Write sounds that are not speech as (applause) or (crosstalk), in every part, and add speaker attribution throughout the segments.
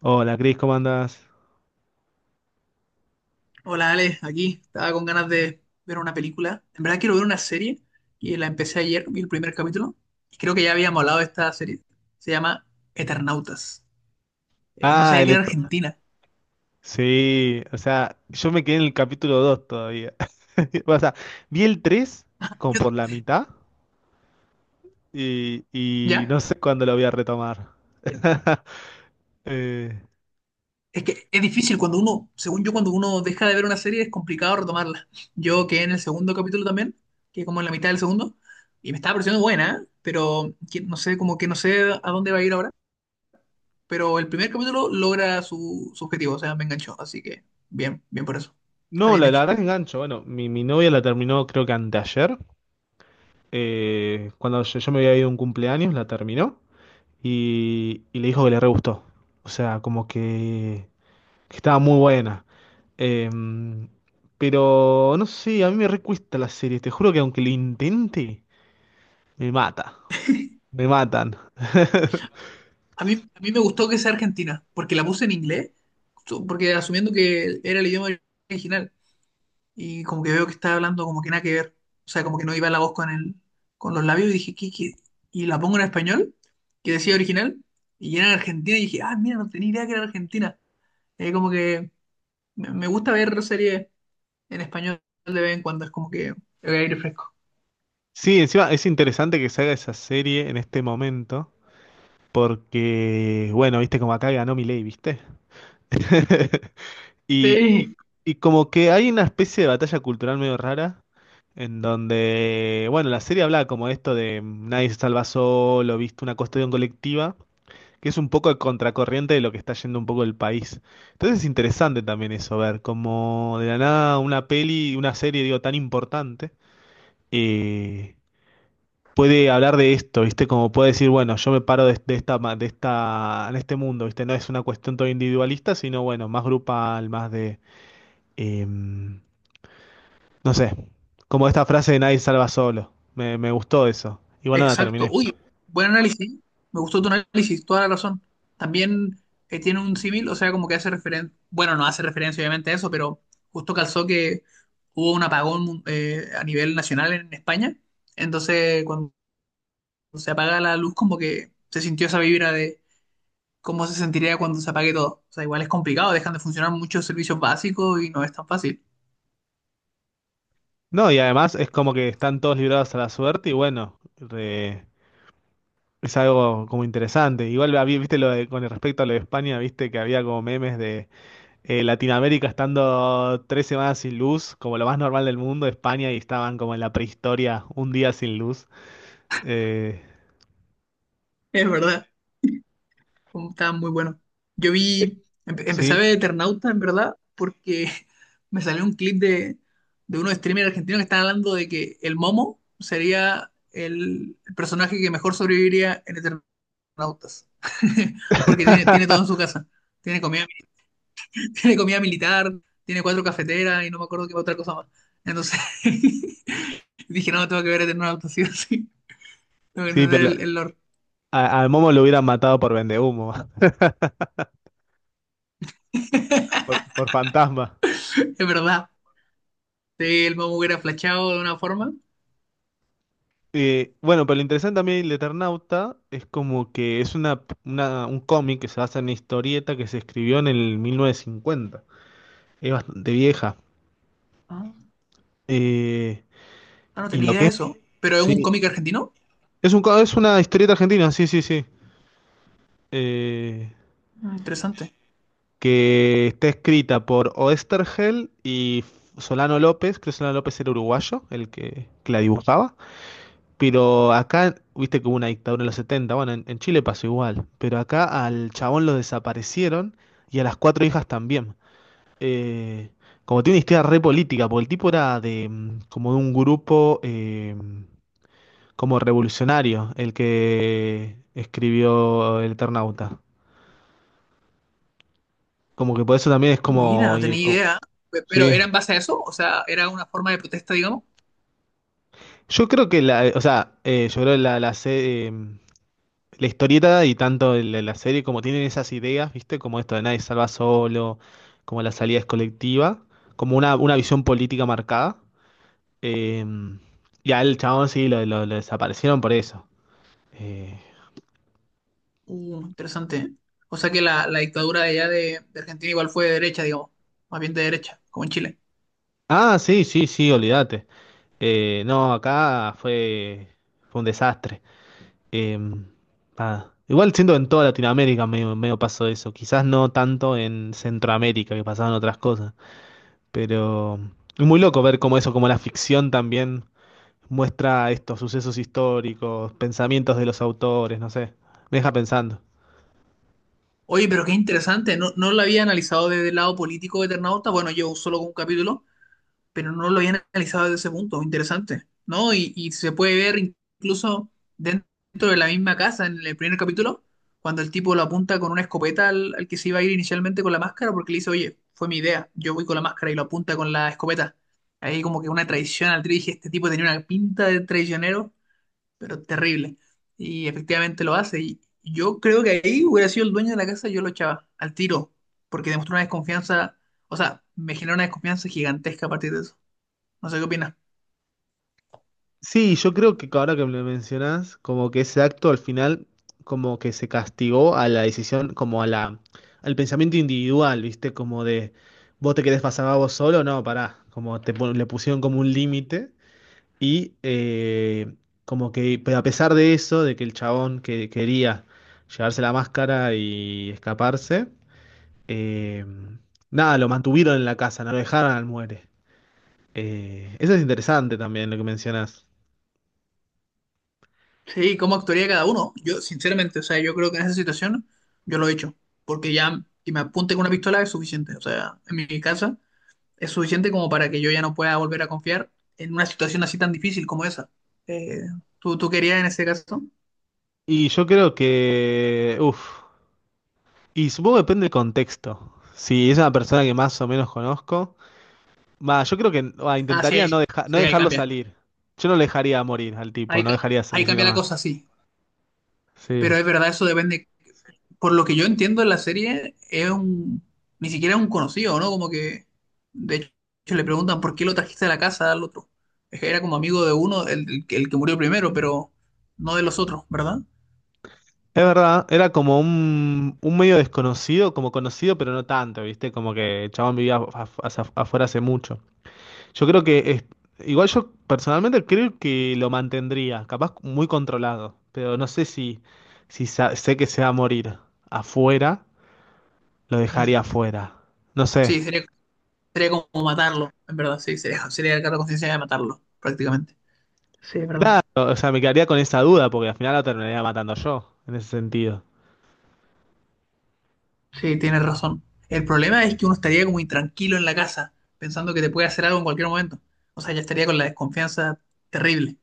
Speaker 1: Hola, Cris, ¿cómo andás?
Speaker 2: Hola Ale, aquí estaba con ganas de ver una película. En verdad quiero ver una serie y la empecé ayer, vi el primer capítulo. Y creo que ya habíamos hablado de esta serie. Se llama Eternautas. No
Speaker 1: Ah,
Speaker 2: sabía que era
Speaker 1: electro.
Speaker 2: Argentina.
Speaker 1: Sí, o sea, yo me quedé en el capítulo 2 todavía. (laughs) O sea, vi el 3 como
Speaker 2: Yo-
Speaker 1: por la mitad y
Speaker 2: ¿Ya?
Speaker 1: no sé cuándo lo voy a retomar. (laughs) Eh,
Speaker 2: Es que es difícil cuando uno, según yo, cuando uno deja de ver una serie es complicado retomarla. Yo quedé en el segundo capítulo también, que como en la mitad del segundo, y me estaba pareciendo buena, ¿eh? Pero no sé, como que no sé a dónde va a ir ahora. Pero el primer capítulo logra su objetivo, o sea, me enganchó. Así que bien, bien por eso. Está
Speaker 1: no,
Speaker 2: bien
Speaker 1: la, la
Speaker 2: hecho.
Speaker 1: verdad que engancho. Bueno, mi novia la terminó creo que anteayer. Cuando yo me había ido a un cumpleaños, la terminó y le dijo que le re gustó. O sea, como que estaba muy buena. Em, pero no sé, a mí me recuesta la serie, te juro que aunque lo intente, me mata, me matan. (laughs)
Speaker 2: A mí me gustó que sea Argentina, porque la puse en inglés, porque asumiendo que era el idioma original. Y como que veo que estaba hablando como que nada que ver. O sea, como que no iba la voz con el, con los labios y dije, ¿qué? Y la pongo en español, que decía original, y era en Argentina y dije, ah, mira, no tenía idea que era Argentina. Como que me gusta ver series en español de vez en cuando, es como que el aire fresco.
Speaker 1: Sí, encima es interesante que se haga esa serie en este momento, porque, bueno, viste como acá ganó Milei, ¿viste? (laughs) Y, y,
Speaker 2: Sí,
Speaker 1: y como que hay una especie de batalla cultural medio rara, en donde, bueno, la serie habla como esto de nadie se salva solo, ¿viste? Una cuestión colectiva, que es un poco a contracorriente de lo que está yendo un poco el país. Entonces es interesante también eso, ver como de la nada una peli, una serie, digo, tan importante, eh, puede hablar de esto, ¿viste? Como puede decir, bueno, yo me paro de en este mundo, ¿viste? No es una cuestión todo individualista, sino, bueno, más grupal, más de, no sé, como esta frase de nadie salva solo. Me gustó eso. Igual nada,
Speaker 2: exacto.
Speaker 1: terminé.
Speaker 2: Uy, buen análisis. Me gustó tu análisis, toda la razón. También tiene un símil, o sea, como que hace referencia, bueno, no hace referencia obviamente a eso, pero justo calzó que hubo un apagón, a nivel nacional en España. Entonces, cuando se apaga la luz, como que se sintió esa vibra de cómo se sentiría cuando se apague todo. O sea, igual es complicado, dejan de funcionar muchos servicios básicos y no es tan fácil.
Speaker 1: No, y además es como que están todos librados a la suerte y bueno, es algo como interesante. Igual, viste lo de, con respecto a lo de España, viste que había como memes de Latinoamérica estando 3 semanas sin luz, como lo más normal del mundo, España, y estaban como en la prehistoria, un día sin luz. Eh,
Speaker 2: Es verdad. Oh, estaba muy bueno. Yo vi, empecé a
Speaker 1: sí.
Speaker 2: ver Eternauta, en verdad, porque (laughs) me salió un clip de unos streamers argentinos que están hablando de que el Momo sería el personaje que mejor sobreviviría en Eternautas. (laughs) Porque tiene todo en su
Speaker 1: (laughs)
Speaker 2: casa. Tiene comida, (laughs) tiene comida militar, tiene cuatro cafeteras y no me acuerdo qué otra cosa más. Entonces (laughs) dije, no, tengo que ver Eternautas, sí o sí. Tengo que
Speaker 1: Sí,
Speaker 2: entender
Speaker 1: pero
Speaker 2: el lore.
Speaker 1: al Momo lo hubieran matado por vendehumo, (laughs) por fantasma.
Speaker 2: Es verdad. Sí, el Momo hubiera flachado de una forma.
Speaker 1: Bueno, pero lo interesante también del Eternauta es como que es una, un cómic que se basa en una historieta que se escribió en el 1950. Es bastante vieja. Eh,
Speaker 2: Ah, no
Speaker 1: ¿Y
Speaker 2: tenía
Speaker 1: lo
Speaker 2: idea de
Speaker 1: que?
Speaker 2: eso. ¿Pero es un
Speaker 1: Sí.
Speaker 2: cómic argentino?
Speaker 1: Es un, es una historieta argentina, sí, sí, sí. Eh,
Speaker 2: Mm, interesante.
Speaker 1: que está escrita por Oesterhel y Solano López. Creo que Solano López era uruguayo, que la dibujaba. Pero acá, viste que hubo una dictadura en los setenta. Bueno, en Chile pasó igual. Pero acá al chabón lo desaparecieron y a las cuatro hijas también. Eh, Como tiene una historia re política, porque el tipo era de como de un grupo, como revolucionario, el que escribió El Eternauta. Como que por eso también es
Speaker 2: Mira,
Speaker 1: como,
Speaker 2: no tenía idea. ¿Pero
Speaker 1: sí.
Speaker 2: era en base a eso? O sea, ¿era una forma de protesta, digamos?
Speaker 1: Yo creo que la, o sea, yo creo la, la, se- la historieta y tanto la serie como tienen esas ideas, ¿viste? Como esto de nadie salva solo, como la salida es colectiva, como una visión política marcada. Eh, y al chabón sí lo desaparecieron por eso. Eh,
Speaker 2: Interesante, ¿eh? O sea que la dictadura de allá de Argentina igual fue de derecha, digamos. Más bien de derecha, como en Chile.
Speaker 1: ah, sí, sí, sí, olvídate. No, acá fue un desastre. Em, Nada. Igual siendo en toda Latinoamérica medio, medio pasó eso. Quizás no tanto en Centroamérica, que pasaban otras cosas. Pero es muy loco ver cómo eso, como la ficción también muestra estos sucesos históricos, pensamientos de los autores, no sé. Me deja pensando.
Speaker 2: Oye, pero qué interesante. No, no lo había analizado desde el lado político de Eternauta. Bueno, yo solo con un capítulo, pero no lo habían analizado desde ese punto, interesante, ¿no? Y se puede ver incluso dentro de la misma casa en el primer capítulo, cuando el tipo lo apunta con una escopeta al que se iba a ir inicialmente con la máscara, porque le dice, oye, fue mi idea, yo voy con la máscara y lo apunta con la escopeta. Ahí como que una traición al trío, dije, este tipo tenía una pinta de traicionero, pero terrible. Y efectivamente lo hace. Y yo creo que ahí hubiera sido el dueño de la casa, yo lo echaba al tiro, porque demostró una desconfianza, o sea, me generó una desconfianza gigantesca a partir de eso. No sé qué opinas.
Speaker 1: Sí, yo creo que ahora que me lo mencionás, como que ese acto al final, como que se castigó a la decisión, como al pensamiento individual, ¿viste? Como de, vos te querés pasar a vos solo, no, pará, le pusieron como un límite y, pero a pesar de eso, de que el chabón que quería llevarse la máscara y escaparse, eh, nada, lo mantuvieron en la casa, no lo dejaron al muere. Eso es interesante también lo que mencionás.
Speaker 2: Sí, ¿cómo actuaría cada uno? Yo, sinceramente, o sea, yo creo que en esa situación yo lo he hecho. Porque ya que me apunte con una pistola es suficiente. O sea, en mi casa es suficiente como para que yo ya no pueda volver a confiar en una situación así tan difícil como esa. Eh, ¿tú querías en ese caso?
Speaker 1: Y yo creo que, uff, y supongo que depende del contexto. Si es una persona que más o menos conozco, va, yo creo que va,
Speaker 2: Ah,
Speaker 1: intentaría no
Speaker 2: sí, ahí
Speaker 1: dejarlo
Speaker 2: cambia.
Speaker 1: salir. Yo no le dejaría morir al
Speaker 2: Ahí,
Speaker 1: tipo, no dejaría
Speaker 2: ahí
Speaker 1: salir
Speaker 2: cambia la
Speaker 1: más.
Speaker 2: cosa, sí.
Speaker 1: Sí.
Speaker 2: Pero es verdad, eso depende por lo que yo entiendo en la serie, es un, ni siquiera es un conocido, ¿no? Como que, de hecho, le preguntan por qué lo trajiste a la casa al otro. Es que era como amigo de uno, el que murió primero, pero no de los otros, ¿verdad?
Speaker 1: Es verdad, era como un medio desconocido, como conocido, pero no tanto, ¿viste? Como que el chabón vivía afuera hace mucho. Yo creo que es- Igual yo personalmente creo que lo mantendría, capaz muy controlado, pero no sé si sé que se va a morir afuera, lo
Speaker 2: Mm.
Speaker 1: dejaría afuera. No sé.
Speaker 2: Sí, sería como matarlo, en verdad, sí, sería cargo de conciencia de matarlo, prácticamente. Sí, es verdad.
Speaker 1: Claro, o sea, me quedaría con esa duda porque al final lo terminaría matando yo, en ese sentido.
Speaker 2: Sí, tienes razón. El problema es que uno estaría como intranquilo en la casa, pensando que te puede hacer algo en cualquier momento. O sea, ya estaría con la desconfianza terrible.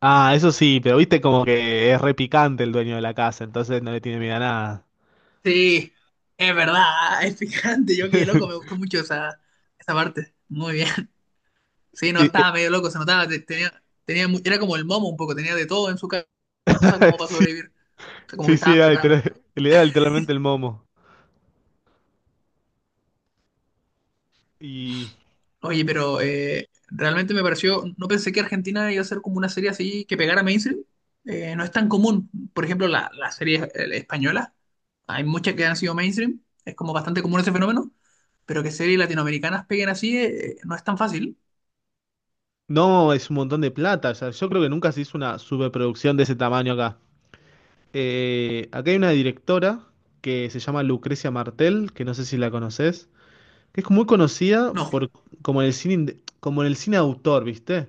Speaker 1: Ah, eso sí, pero viste como que es repicante el dueño de la casa, entonces no le tiene miedo a nada.
Speaker 2: Sí, es verdad, (laughs) es picante. Yo quedé loco, me
Speaker 1: (laughs)
Speaker 2: gustó mucho esa, esa parte. Muy bien. (laughs) Sí, no,
Speaker 1: Y-
Speaker 2: estaba medio loco, se notaba. Tenía, tenía, era como el momo un poco, tenía de todo en su casa
Speaker 1: (laughs)
Speaker 2: como para
Speaker 1: Sí,
Speaker 2: sobrevivir. O sea, como que
Speaker 1: sí, sí,
Speaker 2: estaba preparado.
Speaker 1: le da literalmente el momo. y
Speaker 2: Oye, pero realmente me pareció, no pensé que Argentina iba a ser como una serie así que pegara mainstream. No es tan común. Por ejemplo, la serie española, hay muchas que han sido mainstream. Es como bastante común ese fenómeno, pero que series latinoamericanas peguen así, no es tan fácil.
Speaker 1: No, es un montón de plata. O sea, yo creo que nunca se hizo una superproducción de ese tamaño acá. Acá hay una directora que se llama Lucrecia Martel, que no sé si la conoces, que es muy conocida
Speaker 2: No.
Speaker 1: por, como en el cine, como en el cine autor, ¿viste?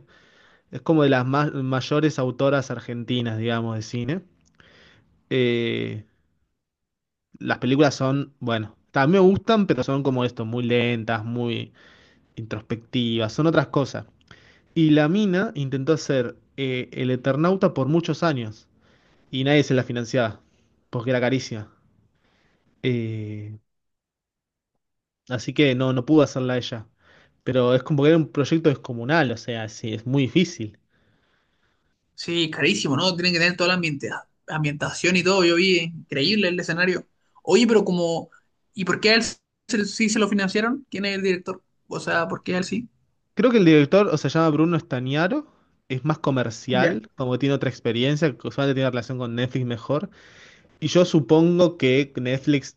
Speaker 1: Es como de mayores autoras argentinas, digamos, de cine. Eh, las películas son, bueno, también me gustan, pero son como esto, muy lentas, muy introspectivas, son otras cosas. Y la mina intentó hacer el Eternauta por muchos años y nadie se la financiaba porque era carísima. Eh, Así que no, no pudo hacerla ella. Pero es como que era un proyecto descomunal, o sea, sí, es muy difícil.
Speaker 2: Sí, carísimo, ¿no? Tienen que tener toda la ambientación y todo. Yo vi, increíble el escenario. Oye, pero como, ¿y por qué a él sí se lo financiaron? ¿Quién es el director? O sea, ¿por qué a él sí?
Speaker 1: Creo que el director, o sea, se llama Bruno Stagnaro, es más
Speaker 2: Ya.
Speaker 1: comercial, como que tiene otra experiencia, que usualmente tiene relación con Netflix mejor. Y yo supongo que Netflix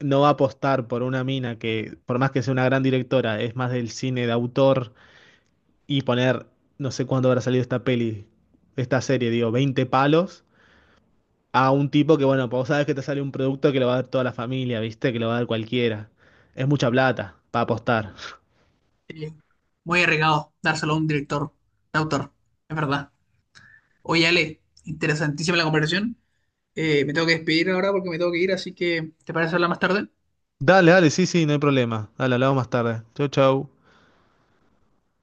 Speaker 1: no va a apostar por una mina que, por más que sea una gran directora, es más del cine de autor y poner, no sé cuándo habrá salido esta peli, esta serie, digo, 20 palos a un tipo que, bueno, pues vos sabes que te sale un producto que lo va a dar toda la familia, ¿viste? Que lo va a dar cualquiera. Es mucha plata para apostar.
Speaker 2: Eh, Muy arriesgado dárselo a un director, de autor, es verdad. Oye, Ale, interesantísima la conversación. Me tengo que despedir ahora porque me tengo que ir, así que ¿te parece hablar más tarde?
Speaker 1: Dale, dale, sí, sí, no hay problema. Dale, hablamos más tarde. Chau, chau.